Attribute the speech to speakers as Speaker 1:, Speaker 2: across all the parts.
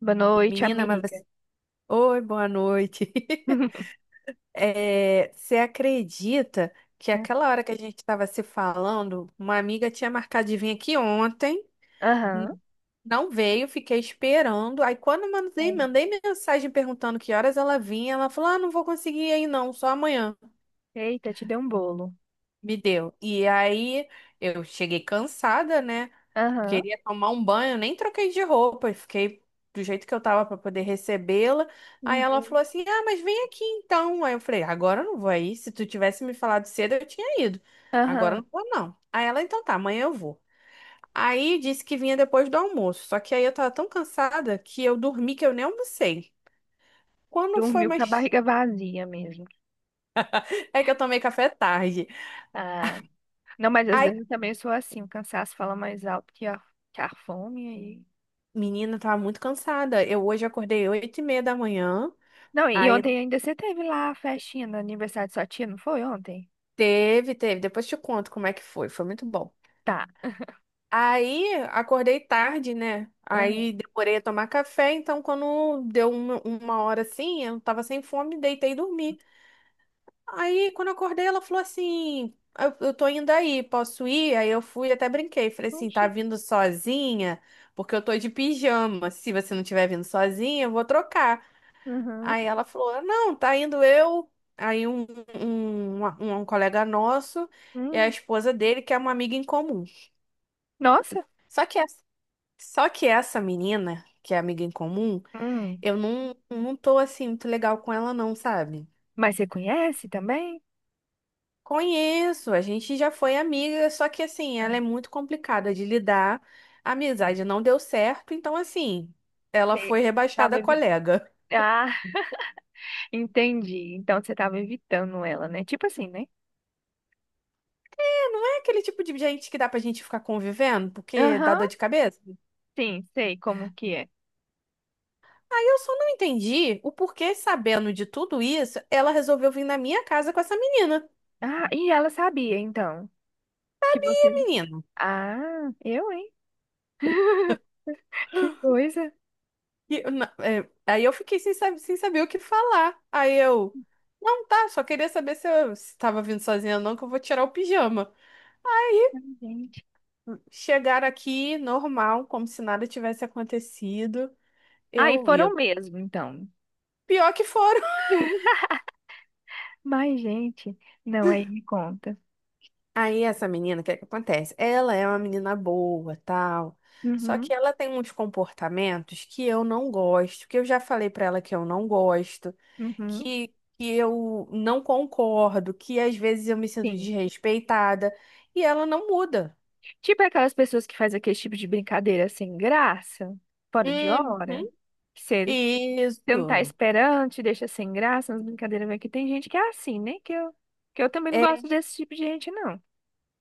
Speaker 1: Boa noite,
Speaker 2: Menina, mas
Speaker 1: amiga.
Speaker 2: você... Oi, boa noite. É, você acredita que aquela hora que a gente estava se falando, uma amiga tinha marcado de vir aqui ontem, n-
Speaker 1: Aham.
Speaker 2: não veio, fiquei esperando. Aí quando eu mandei mensagem perguntando que horas ela vinha, ela falou: "Ah, não vou conseguir aí não, só amanhã".
Speaker 1: Eita, te deu um bolo.
Speaker 2: Me deu. E aí eu cheguei cansada, né?
Speaker 1: Aham.
Speaker 2: Queria tomar um banho, nem troquei de roupa, e fiquei do jeito que eu tava para poder recebê-la. Aí ela
Speaker 1: Uhum.
Speaker 2: falou assim: Ah, mas vem aqui então. Aí eu falei: Agora eu não vou aí. Se tu tivesse me falado cedo, eu tinha ido. Agora
Speaker 1: Aham.
Speaker 2: eu não vou, não. Aí ela: Então tá, amanhã eu vou. Aí disse que vinha depois do almoço. Só que aí eu tava tão cansada que eu dormi que eu nem almocei. Quando foi
Speaker 1: Dormiu com a
Speaker 2: mais.
Speaker 1: barriga vazia mesmo.
Speaker 2: É que eu tomei café tarde.
Speaker 1: Ah. Não, mas às
Speaker 2: Aí,
Speaker 1: vezes eu também sou assim, o cansaço fala mais alto que a fome. E...
Speaker 2: menina, eu tava muito cansada. Eu hoje acordei oito e meia da manhã.
Speaker 1: Não, e
Speaker 2: Aí
Speaker 1: ontem ainda você teve lá a festinha no aniversário de sua tia, não foi ontem?
Speaker 2: teve. Depois te conto como é que foi. Foi muito bom.
Speaker 1: Tá.
Speaker 2: Aí acordei tarde, né?
Speaker 1: Uhum.
Speaker 2: Aí demorei a tomar café, então quando deu uma hora assim, eu tava sem fome, deitei e dormi. Aí quando eu acordei, ela falou assim: eu tô indo aí, posso ir? Aí eu fui, e até brinquei. Falei assim: tá
Speaker 1: Oxi.
Speaker 2: vindo sozinha? Porque eu tô de pijama. Se você não tiver vindo sozinha, eu vou trocar.
Speaker 1: Uhum.
Speaker 2: Aí ela falou: não, tá indo eu. Aí um colega nosso e a
Speaker 1: Hum.
Speaker 2: esposa dele, que é uma amiga em comum.
Speaker 1: Nossa.
Speaker 2: Só que essa Só que essa menina, que é amiga em comum,
Speaker 1: Hum.
Speaker 2: eu não tô assim muito legal com ela, não, sabe?
Speaker 1: Mas você conhece também?
Speaker 2: Conheço, a gente já foi amiga, só que assim,
Speaker 1: Ah,
Speaker 2: ela é muito complicada de lidar. A
Speaker 1: sei.
Speaker 2: amizade não deu certo, então assim, ela
Speaker 1: Sei.
Speaker 2: foi rebaixada
Speaker 1: Tava
Speaker 2: a
Speaker 1: evitando.
Speaker 2: colega.
Speaker 1: Ah, entendi. Então você tava evitando ela, né? Tipo assim, né?
Speaker 2: É, não é aquele tipo de gente que dá pra gente ficar convivendo, porque dá
Speaker 1: Aham,
Speaker 2: dor de cabeça.
Speaker 1: sim, sei como que é.
Speaker 2: Aí eu só não entendi o porquê, sabendo de tudo isso, ela resolveu vir na minha casa com essa menina.
Speaker 1: Ah, e ela sabia, então, que você.
Speaker 2: Menina.
Speaker 1: Ah, eu, hein? Que coisa.
Speaker 2: E eu é, aí eu fiquei sem, sem saber o que falar. Aí eu, não, tá, só queria saber se eu estava vindo sozinha ou não, que eu vou tirar o pijama.
Speaker 1: Ai, gente.
Speaker 2: Chegaram aqui, normal, como se nada tivesse acontecido.
Speaker 1: Ah, e
Speaker 2: Eu ia.
Speaker 1: foram mesmo, então.
Speaker 2: Pior que foram.
Speaker 1: Mas, gente, não, aí me conta.
Speaker 2: Aí essa menina, o que é que acontece? Ela é uma menina boa, tal. Só que
Speaker 1: Uhum,
Speaker 2: ela tem uns comportamentos que eu não gosto, que eu já falei pra ela que eu não gosto.
Speaker 1: uhum,
Speaker 2: que, que eu não concordo, que às vezes eu me sinto
Speaker 1: sim.
Speaker 2: desrespeitada, e ela não muda.
Speaker 1: Tipo aquelas pessoas que fazem aquele tipo de brincadeira sem graça, fora de
Speaker 2: Uhum.
Speaker 1: hora. Que você você não tá
Speaker 2: Isso.
Speaker 1: esperando, te deixa sem graça, umas brincadeiras vai que tem gente que é assim, né? Que eu também não
Speaker 2: É,
Speaker 1: gosto desse tipo de gente, não.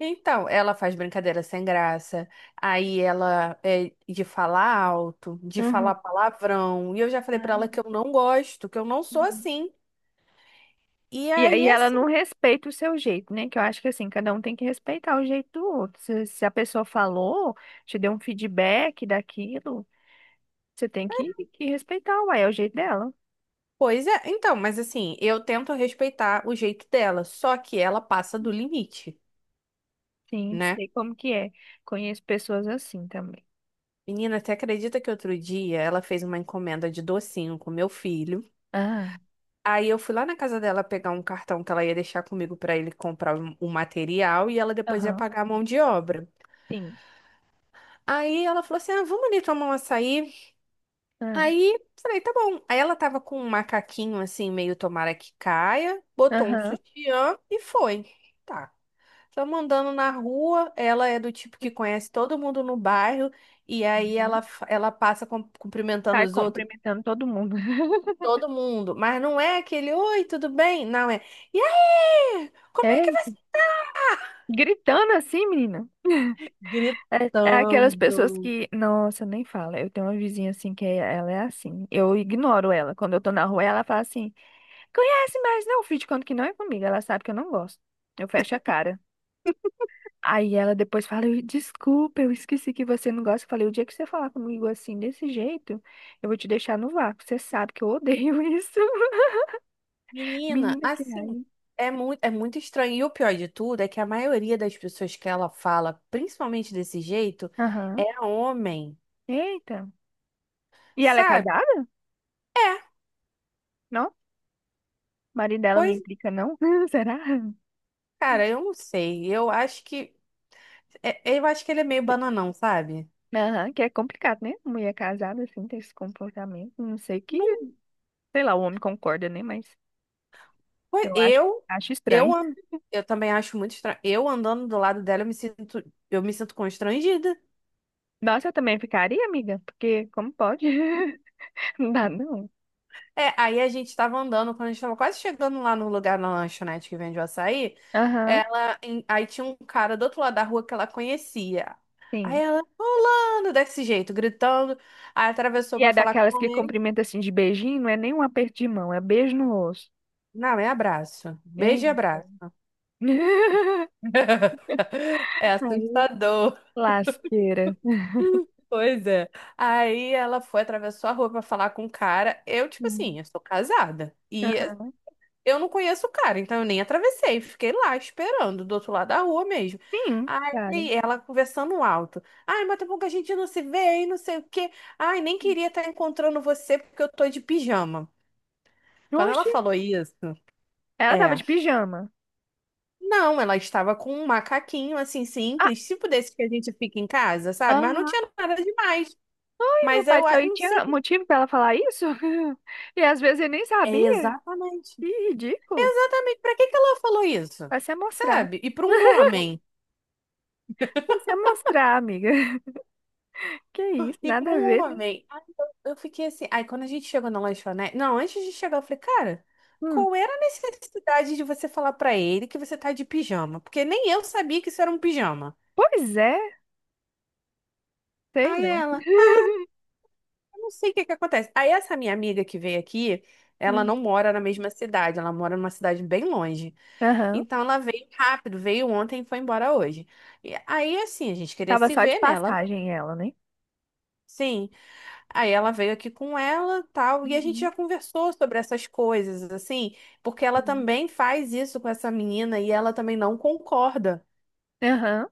Speaker 2: então, ela faz brincadeira sem graça, aí ela é de falar alto, de falar
Speaker 1: Uhum.
Speaker 2: palavrão, e eu já falei
Speaker 1: Ah,
Speaker 2: pra ela que eu não gosto, que eu não sou
Speaker 1: uhum.
Speaker 2: assim. E
Speaker 1: E
Speaker 2: aí,
Speaker 1: aí ela não
Speaker 2: assim,
Speaker 1: respeita o seu jeito, né? Que eu acho que assim, cada um tem que respeitar o jeito do outro. Se a pessoa falou, te deu um feedback daquilo, você tem que respeitar, uai, é o jeito dela.
Speaker 2: pois é, então, mas assim, eu tento respeitar o jeito dela, só que ela passa do limite,
Speaker 1: Sim,
Speaker 2: né?
Speaker 1: sei como que é. Conheço pessoas assim também.
Speaker 2: Menina, você acredita que outro dia ela fez uma encomenda de docinho com meu filho?
Speaker 1: Ah,
Speaker 2: Aí eu fui lá na casa dela pegar um cartão que ela ia deixar comigo pra ele comprar o material e ela depois ia
Speaker 1: aham.
Speaker 2: pagar a mão de obra.
Speaker 1: Sim.
Speaker 2: Aí ela falou assim: ah, vamos ali tomar um açaí.
Speaker 1: Ah,
Speaker 2: Aí falei: tá bom. Aí ela tava com um macaquinho assim, meio tomara que caia, botou um
Speaker 1: aham.
Speaker 2: sutiã e foi. Tá. Estamos andando na rua, ela é do tipo que conhece todo mundo no bairro. E aí
Speaker 1: Uhum.
Speaker 2: ela, ela passa cumprimentando
Speaker 1: Sai
Speaker 2: os outros.
Speaker 1: cumprimentando todo mundo.
Speaker 2: Todo mundo. Mas não é aquele, oi, tudo bem? Não é. E aí? Como
Speaker 1: É?
Speaker 2: é que vai ser?
Speaker 1: Gritando assim, menina? É, é aquelas pessoas
Speaker 2: Gritando.
Speaker 1: que. Nossa, nem fala. Eu tenho uma vizinha assim ela é assim. Eu ignoro ela. Quando eu tô na rua, ela fala assim: conhece mais não, filho, de conta que não é comigo. Ela sabe que eu não gosto. Eu fecho a cara. Aí ela depois fala: Desculpa, eu esqueci que você não gosta." Eu falei: "O dia que você falar comigo assim, desse jeito, eu vou te deixar no vácuo. Você sabe que eu odeio isso."
Speaker 2: Menina,
Speaker 1: Menina, que
Speaker 2: assim,
Speaker 1: raiva.
Speaker 2: é é muito estranho. E o pior de tudo é que a maioria das pessoas que ela fala, principalmente desse jeito,
Speaker 1: Aham.
Speaker 2: é homem,
Speaker 1: Eita. E ela é
Speaker 2: sabe?
Speaker 1: casada?
Speaker 2: É,
Speaker 1: Não? O marido dela não
Speaker 2: pois,
Speaker 1: implica, não? Será?
Speaker 2: cara, eu não sei. Eu acho eu acho que ele é meio bananão, sabe?
Speaker 1: Aham, que é complicado, né? Mulher casada, assim, ter esse comportamento. Não sei que,
Speaker 2: Não,
Speaker 1: sei lá, o homem concorda, né? Mas
Speaker 2: foi-
Speaker 1: eu acho, acho
Speaker 2: eu,
Speaker 1: estranho.
Speaker 2: an- eu também acho muito estranho. Eu andando do lado dela, eu me sinto constrangida.
Speaker 1: Nossa, eu também ficaria, amiga, porque como pode? Não dá, não.
Speaker 2: É, aí a gente tava andando, quando a gente tava quase chegando lá no lugar na lanchonete que vende o açaí,
Speaker 1: Aham,
Speaker 2: aí tinha um cara do outro lado da rua que ela conhecia. Aí
Speaker 1: sim.
Speaker 2: ela, rolando desse jeito, gritando, aí atravessou
Speaker 1: E é
Speaker 2: pra falar
Speaker 1: daquelas
Speaker 2: com
Speaker 1: que
Speaker 2: ele.
Speaker 1: cumprimenta assim de beijinho, não é nem um aperto de mão, é beijo no rosto.
Speaker 2: Não, é abraço. Beijo e
Speaker 1: Eita.
Speaker 2: abraço. É
Speaker 1: Aí,
Speaker 2: assustador.
Speaker 1: lasqueira.
Speaker 2: Pois é. Aí ela foi, atravessou a rua pra falar com o cara. Eu, tipo
Speaker 1: Uhum.
Speaker 2: assim, eu sou casada. E
Speaker 1: Aham.
Speaker 2: eu não conheço o cara, então eu nem atravessei, fiquei lá esperando, do outro lado da rua mesmo.
Speaker 1: Sim, claro.
Speaker 2: Aí ela conversando alto. Ai, mas tem pouco que a gente não se vê, hein, não sei o quê. Ai, nem queria estar encontrando você porque eu tô de pijama. Quando ela
Speaker 1: Oxe,
Speaker 2: falou isso,
Speaker 1: ela tava
Speaker 2: é.
Speaker 1: de pijama.
Speaker 2: Não, ela estava com um macaquinho assim simples, tipo desse que a gente fica em casa, sabe? Mas não
Speaker 1: Ah,
Speaker 2: tinha nada demais.
Speaker 1: meu
Speaker 2: Mas
Speaker 1: pai
Speaker 2: eu
Speaker 1: do céu, e
Speaker 2: não sei.
Speaker 1: tinha motivo pra ela falar isso? E às vezes eu nem
Speaker 2: É
Speaker 1: sabia. Que
Speaker 2: exatamente.
Speaker 1: ridículo.
Speaker 2: Exatamente. Pra que que ela falou isso?
Speaker 1: Vai se amostrar.
Speaker 2: Sabe? E para um homem.
Speaker 1: Vai se amostrar, amiga. Que isso,
Speaker 2: E
Speaker 1: nada
Speaker 2: para
Speaker 1: a
Speaker 2: um
Speaker 1: ver, né?
Speaker 2: homem. Aí eu fiquei assim. Aí quando a gente chegou na lanchonete. Não, antes de chegar, eu falei, cara,
Speaker 1: Hum,
Speaker 2: qual era a necessidade de você falar pra ele que você tá de pijama? Porque nem eu sabia que isso era um pijama.
Speaker 1: pois é, sei
Speaker 2: Aí
Speaker 1: não.
Speaker 2: ela, eu não sei o que que acontece. Aí essa minha amiga que veio aqui, ela
Speaker 1: Hum,
Speaker 2: não mora na mesma cidade, ela mora numa cidade bem longe.
Speaker 1: aham.
Speaker 2: Então ela veio rápido, veio ontem e foi embora hoje. E aí assim, a gente queria
Speaker 1: Tava
Speaker 2: se
Speaker 1: só de
Speaker 2: ver, né? Ela, veio.
Speaker 1: passagem ela, né?
Speaker 2: Sim. Aí ela veio aqui com ela, tal, e a gente
Speaker 1: Uhum.
Speaker 2: já conversou sobre essas coisas, assim, porque ela
Speaker 1: Sim.
Speaker 2: também faz isso com essa menina e ela também não concorda.
Speaker 1: Aham.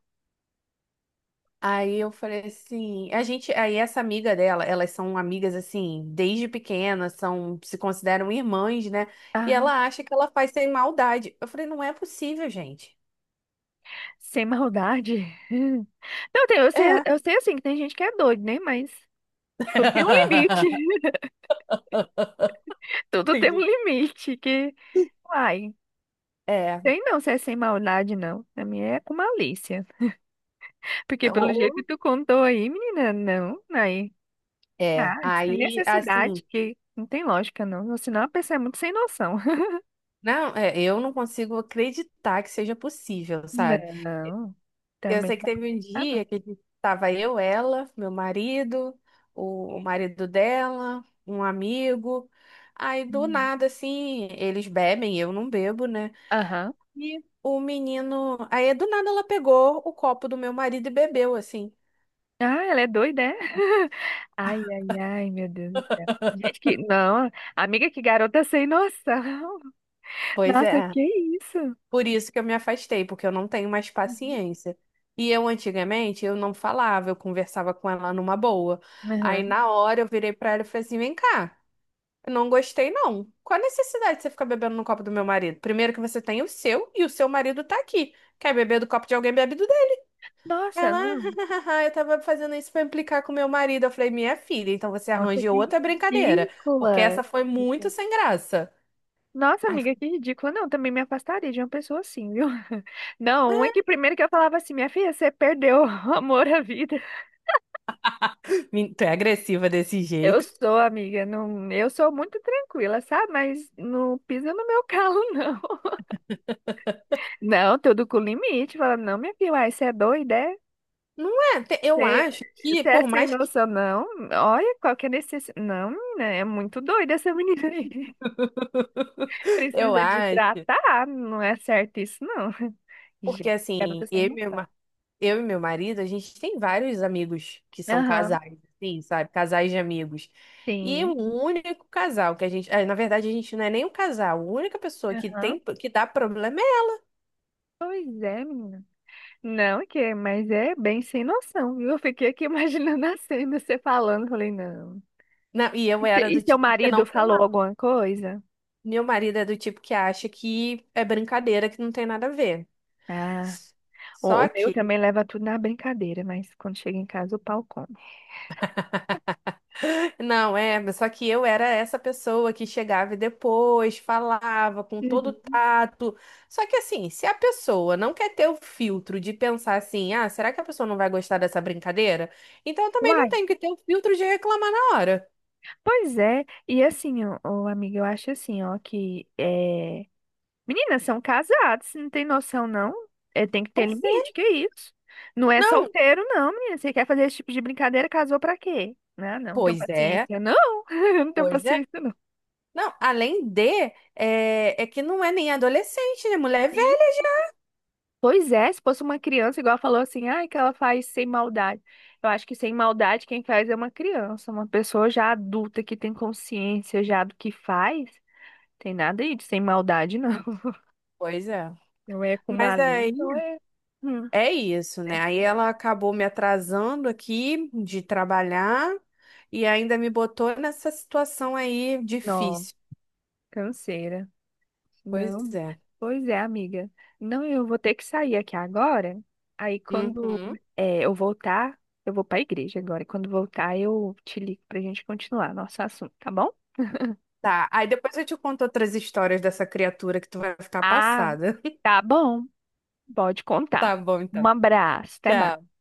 Speaker 2: Aí eu falei assim, aí essa amiga dela, elas são amigas assim, desde pequenas, são, se consideram irmãs, né? E
Speaker 1: Ah,
Speaker 2: ela acha que ela faz sem maldade. Eu falei, não é possível, gente.
Speaker 1: sem maldade. Não, tem,
Speaker 2: É.
Speaker 1: eu sei assim que tem gente que é doido, né? Mas tudo tem um limite. Tudo tem um
Speaker 2: Entendi.
Speaker 1: limite que. Uai.
Speaker 2: É,
Speaker 1: Tem não, se é sem maldade, não. A minha é com malícia. Porque pelo jeito que
Speaker 2: o-
Speaker 1: tu contou aí, menina, não, aí.
Speaker 2: é.
Speaker 1: Ah, sem
Speaker 2: Aí, assim,
Speaker 1: necessidade, que não tem lógica, não. Senão a pessoa é muito sem noção.
Speaker 2: não, é, eu não consigo acreditar que seja possível, sabe?
Speaker 1: Não,
Speaker 2: Eu
Speaker 1: também
Speaker 2: sei
Speaker 1: não
Speaker 2: que
Speaker 1: dá pra
Speaker 2: teve um
Speaker 1: acreditar, não.
Speaker 2: dia que a gente tava eu, ela, meu marido, o marido dela, um amigo. Aí do
Speaker 1: Hum.
Speaker 2: nada, assim, eles bebem, eu não bebo, né?
Speaker 1: Aham.
Speaker 2: E o menino. Aí do nada ela pegou o copo do meu marido e bebeu, assim.
Speaker 1: Ah, ela é doida, é? Ai, ai, ai, meu Deus do céu. Gente, que. Não, amiga, que garota sem noção.
Speaker 2: Pois
Speaker 1: Nossa,
Speaker 2: é.
Speaker 1: que isso?
Speaker 2: Por isso que eu me afastei, porque eu não tenho mais
Speaker 1: Uhum.
Speaker 2: paciência. E eu antigamente eu não falava, eu conversava com ela numa boa. Aí
Speaker 1: Aham.
Speaker 2: na hora eu virei pra ela e falei assim: "Vem cá, eu não gostei não. Qual a necessidade de você ficar bebendo no copo do meu marido? Primeiro que você tem o seu e o seu marido tá aqui. Quer beber do copo de alguém, bebe do dele."
Speaker 1: Nossa,
Speaker 2: Ela,
Speaker 1: não.
Speaker 2: eu tava fazendo isso pra implicar com meu marido. Eu falei: "Minha filha, então você
Speaker 1: Nossa,
Speaker 2: arranja
Speaker 1: que
Speaker 2: outra brincadeira, porque
Speaker 1: ridícula.
Speaker 2: essa foi muito sem graça."
Speaker 1: Nossa,
Speaker 2: Ai,
Speaker 1: amiga, que ridícula. Não, também me afastaria de uma pessoa assim, viu? Não, é que primeiro que eu falava assim, minha filha, você perdeu o amor à vida.
Speaker 2: tu é agressiva desse
Speaker 1: Eu
Speaker 2: jeito.
Speaker 1: sou, amiga, não, eu sou muito tranquila, sabe? Mas não pisa no meu calo, não. Não, tudo com limite. Fala, não, minha filha, uai, você é doida, é?
Speaker 2: Não é, eu
Speaker 1: Você
Speaker 2: acho que,
Speaker 1: Você é
Speaker 2: por
Speaker 1: sem
Speaker 2: mais que
Speaker 1: noção, não? Olha, qual que é necessidade. Não, menina, é muito doida essa menina aí.
Speaker 2: eu
Speaker 1: Precisa de
Speaker 2: acho,
Speaker 1: tratar, não é certo isso, não.
Speaker 2: porque
Speaker 1: Gente, garota
Speaker 2: assim,
Speaker 1: sem noção.
Speaker 2: eu e meu marido, a gente tem vários amigos que são
Speaker 1: Aham.
Speaker 2: casais, assim, sabe? Casais de amigos. E o
Speaker 1: Sim.
Speaker 2: único casal que a gente, ah, na verdade, a gente não é nem um casal, a única pessoa que
Speaker 1: Aham.
Speaker 2: tem que dá problema é.
Speaker 1: Pois é, menina. Não, que é, mas é bem sem noção, viu? Eu fiquei aqui imaginando a cena, você falando. Falei, não.
Speaker 2: Não, e
Speaker 1: E
Speaker 2: eu
Speaker 1: se-
Speaker 2: era
Speaker 1: E
Speaker 2: do
Speaker 1: seu
Speaker 2: tipo que não
Speaker 1: marido falou
Speaker 2: falar.
Speaker 1: alguma coisa?
Speaker 2: Meu marido é do tipo que acha que é brincadeira, que não tem nada a ver.
Speaker 1: Ah,
Speaker 2: S-
Speaker 1: o,
Speaker 2: Só
Speaker 1: o meu
Speaker 2: que
Speaker 1: também leva tudo na brincadeira, mas quando chega em casa o pau come.
Speaker 2: não, é, mas só que eu era essa pessoa que chegava e depois, falava com todo
Speaker 1: Uhum.
Speaker 2: tato. Só que assim, se a pessoa não quer ter o filtro de pensar assim, ah, será que a pessoa não vai gostar dessa brincadeira? Então eu também não
Speaker 1: Uai,
Speaker 2: tenho que ter o filtro de reclamar na hora.
Speaker 1: pois é, e assim, ó, ô, amiga, eu acho assim, ó, que é. Meninas são casadas, você não tem noção, não? É, tem que ter
Speaker 2: Pois é.
Speaker 1: limite, que isso? Não é
Speaker 2: Não,
Speaker 1: solteiro, não, menina. Você quer fazer esse tipo de brincadeira, casou pra quê? Não, não, não tenho
Speaker 2: pois é,
Speaker 1: paciência, não. Eu não tenho
Speaker 2: pois é.
Speaker 1: paciência, não.
Speaker 2: Não, além de, é que não é nem adolescente, né? Mulher é
Speaker 1: Sim.
Speaker 2: velha.
Speaker 1: Pois é, se fosse uma criança, igual ela falou assim, ai, que ela faz sem maldade. Eu acho que sem maldade quem faz é uma criança, uma pessoa já adulta que tem consciência já do que faz. Tem nada aí de sem maldade, não.
Speaker 2: Pois é.
Speaker 1: Não é com
Speaker 2: Mas
Speaker 1: malícia,
Speaker 2: aí.
Speaker 1: não é. Hum,
Speaker 2: É isso, né?
Speaker 1: né?
Speaker 2: Aí ela acabou me atrasando aqui de trabalhar e ainda me botou nessa situação aí
Speaker 1: Não,
Speaker 2: difícil.
Speaker 1: canseira.
Speaker 2: Pois
Speaker 1: Não,
Speaker 2: é.
Speaker 1: pois é, amiga. Não, eu vou ter que sair aqui agora. Aí quando
Speaker 2: Uhum.
Speaker 1: é, eu voltar, eu vou pra igreja agora. E quando voltar, eu te ligo pra gente continuar nosso assunto, tá bom?
Speaker 2: Tá. Aí depois eu te conto outras histórias dessa criatura que tu vai ficar
Speaker 1: Ah,
Speaker 2: passada.
Speaker 1: tá bom. Pode contar.
Speaker 2: Tá bom,
Speaker 1: Um
Speaker 2: então.
Speaker 1: abraço, até mais.
Speaker 2: Tchau.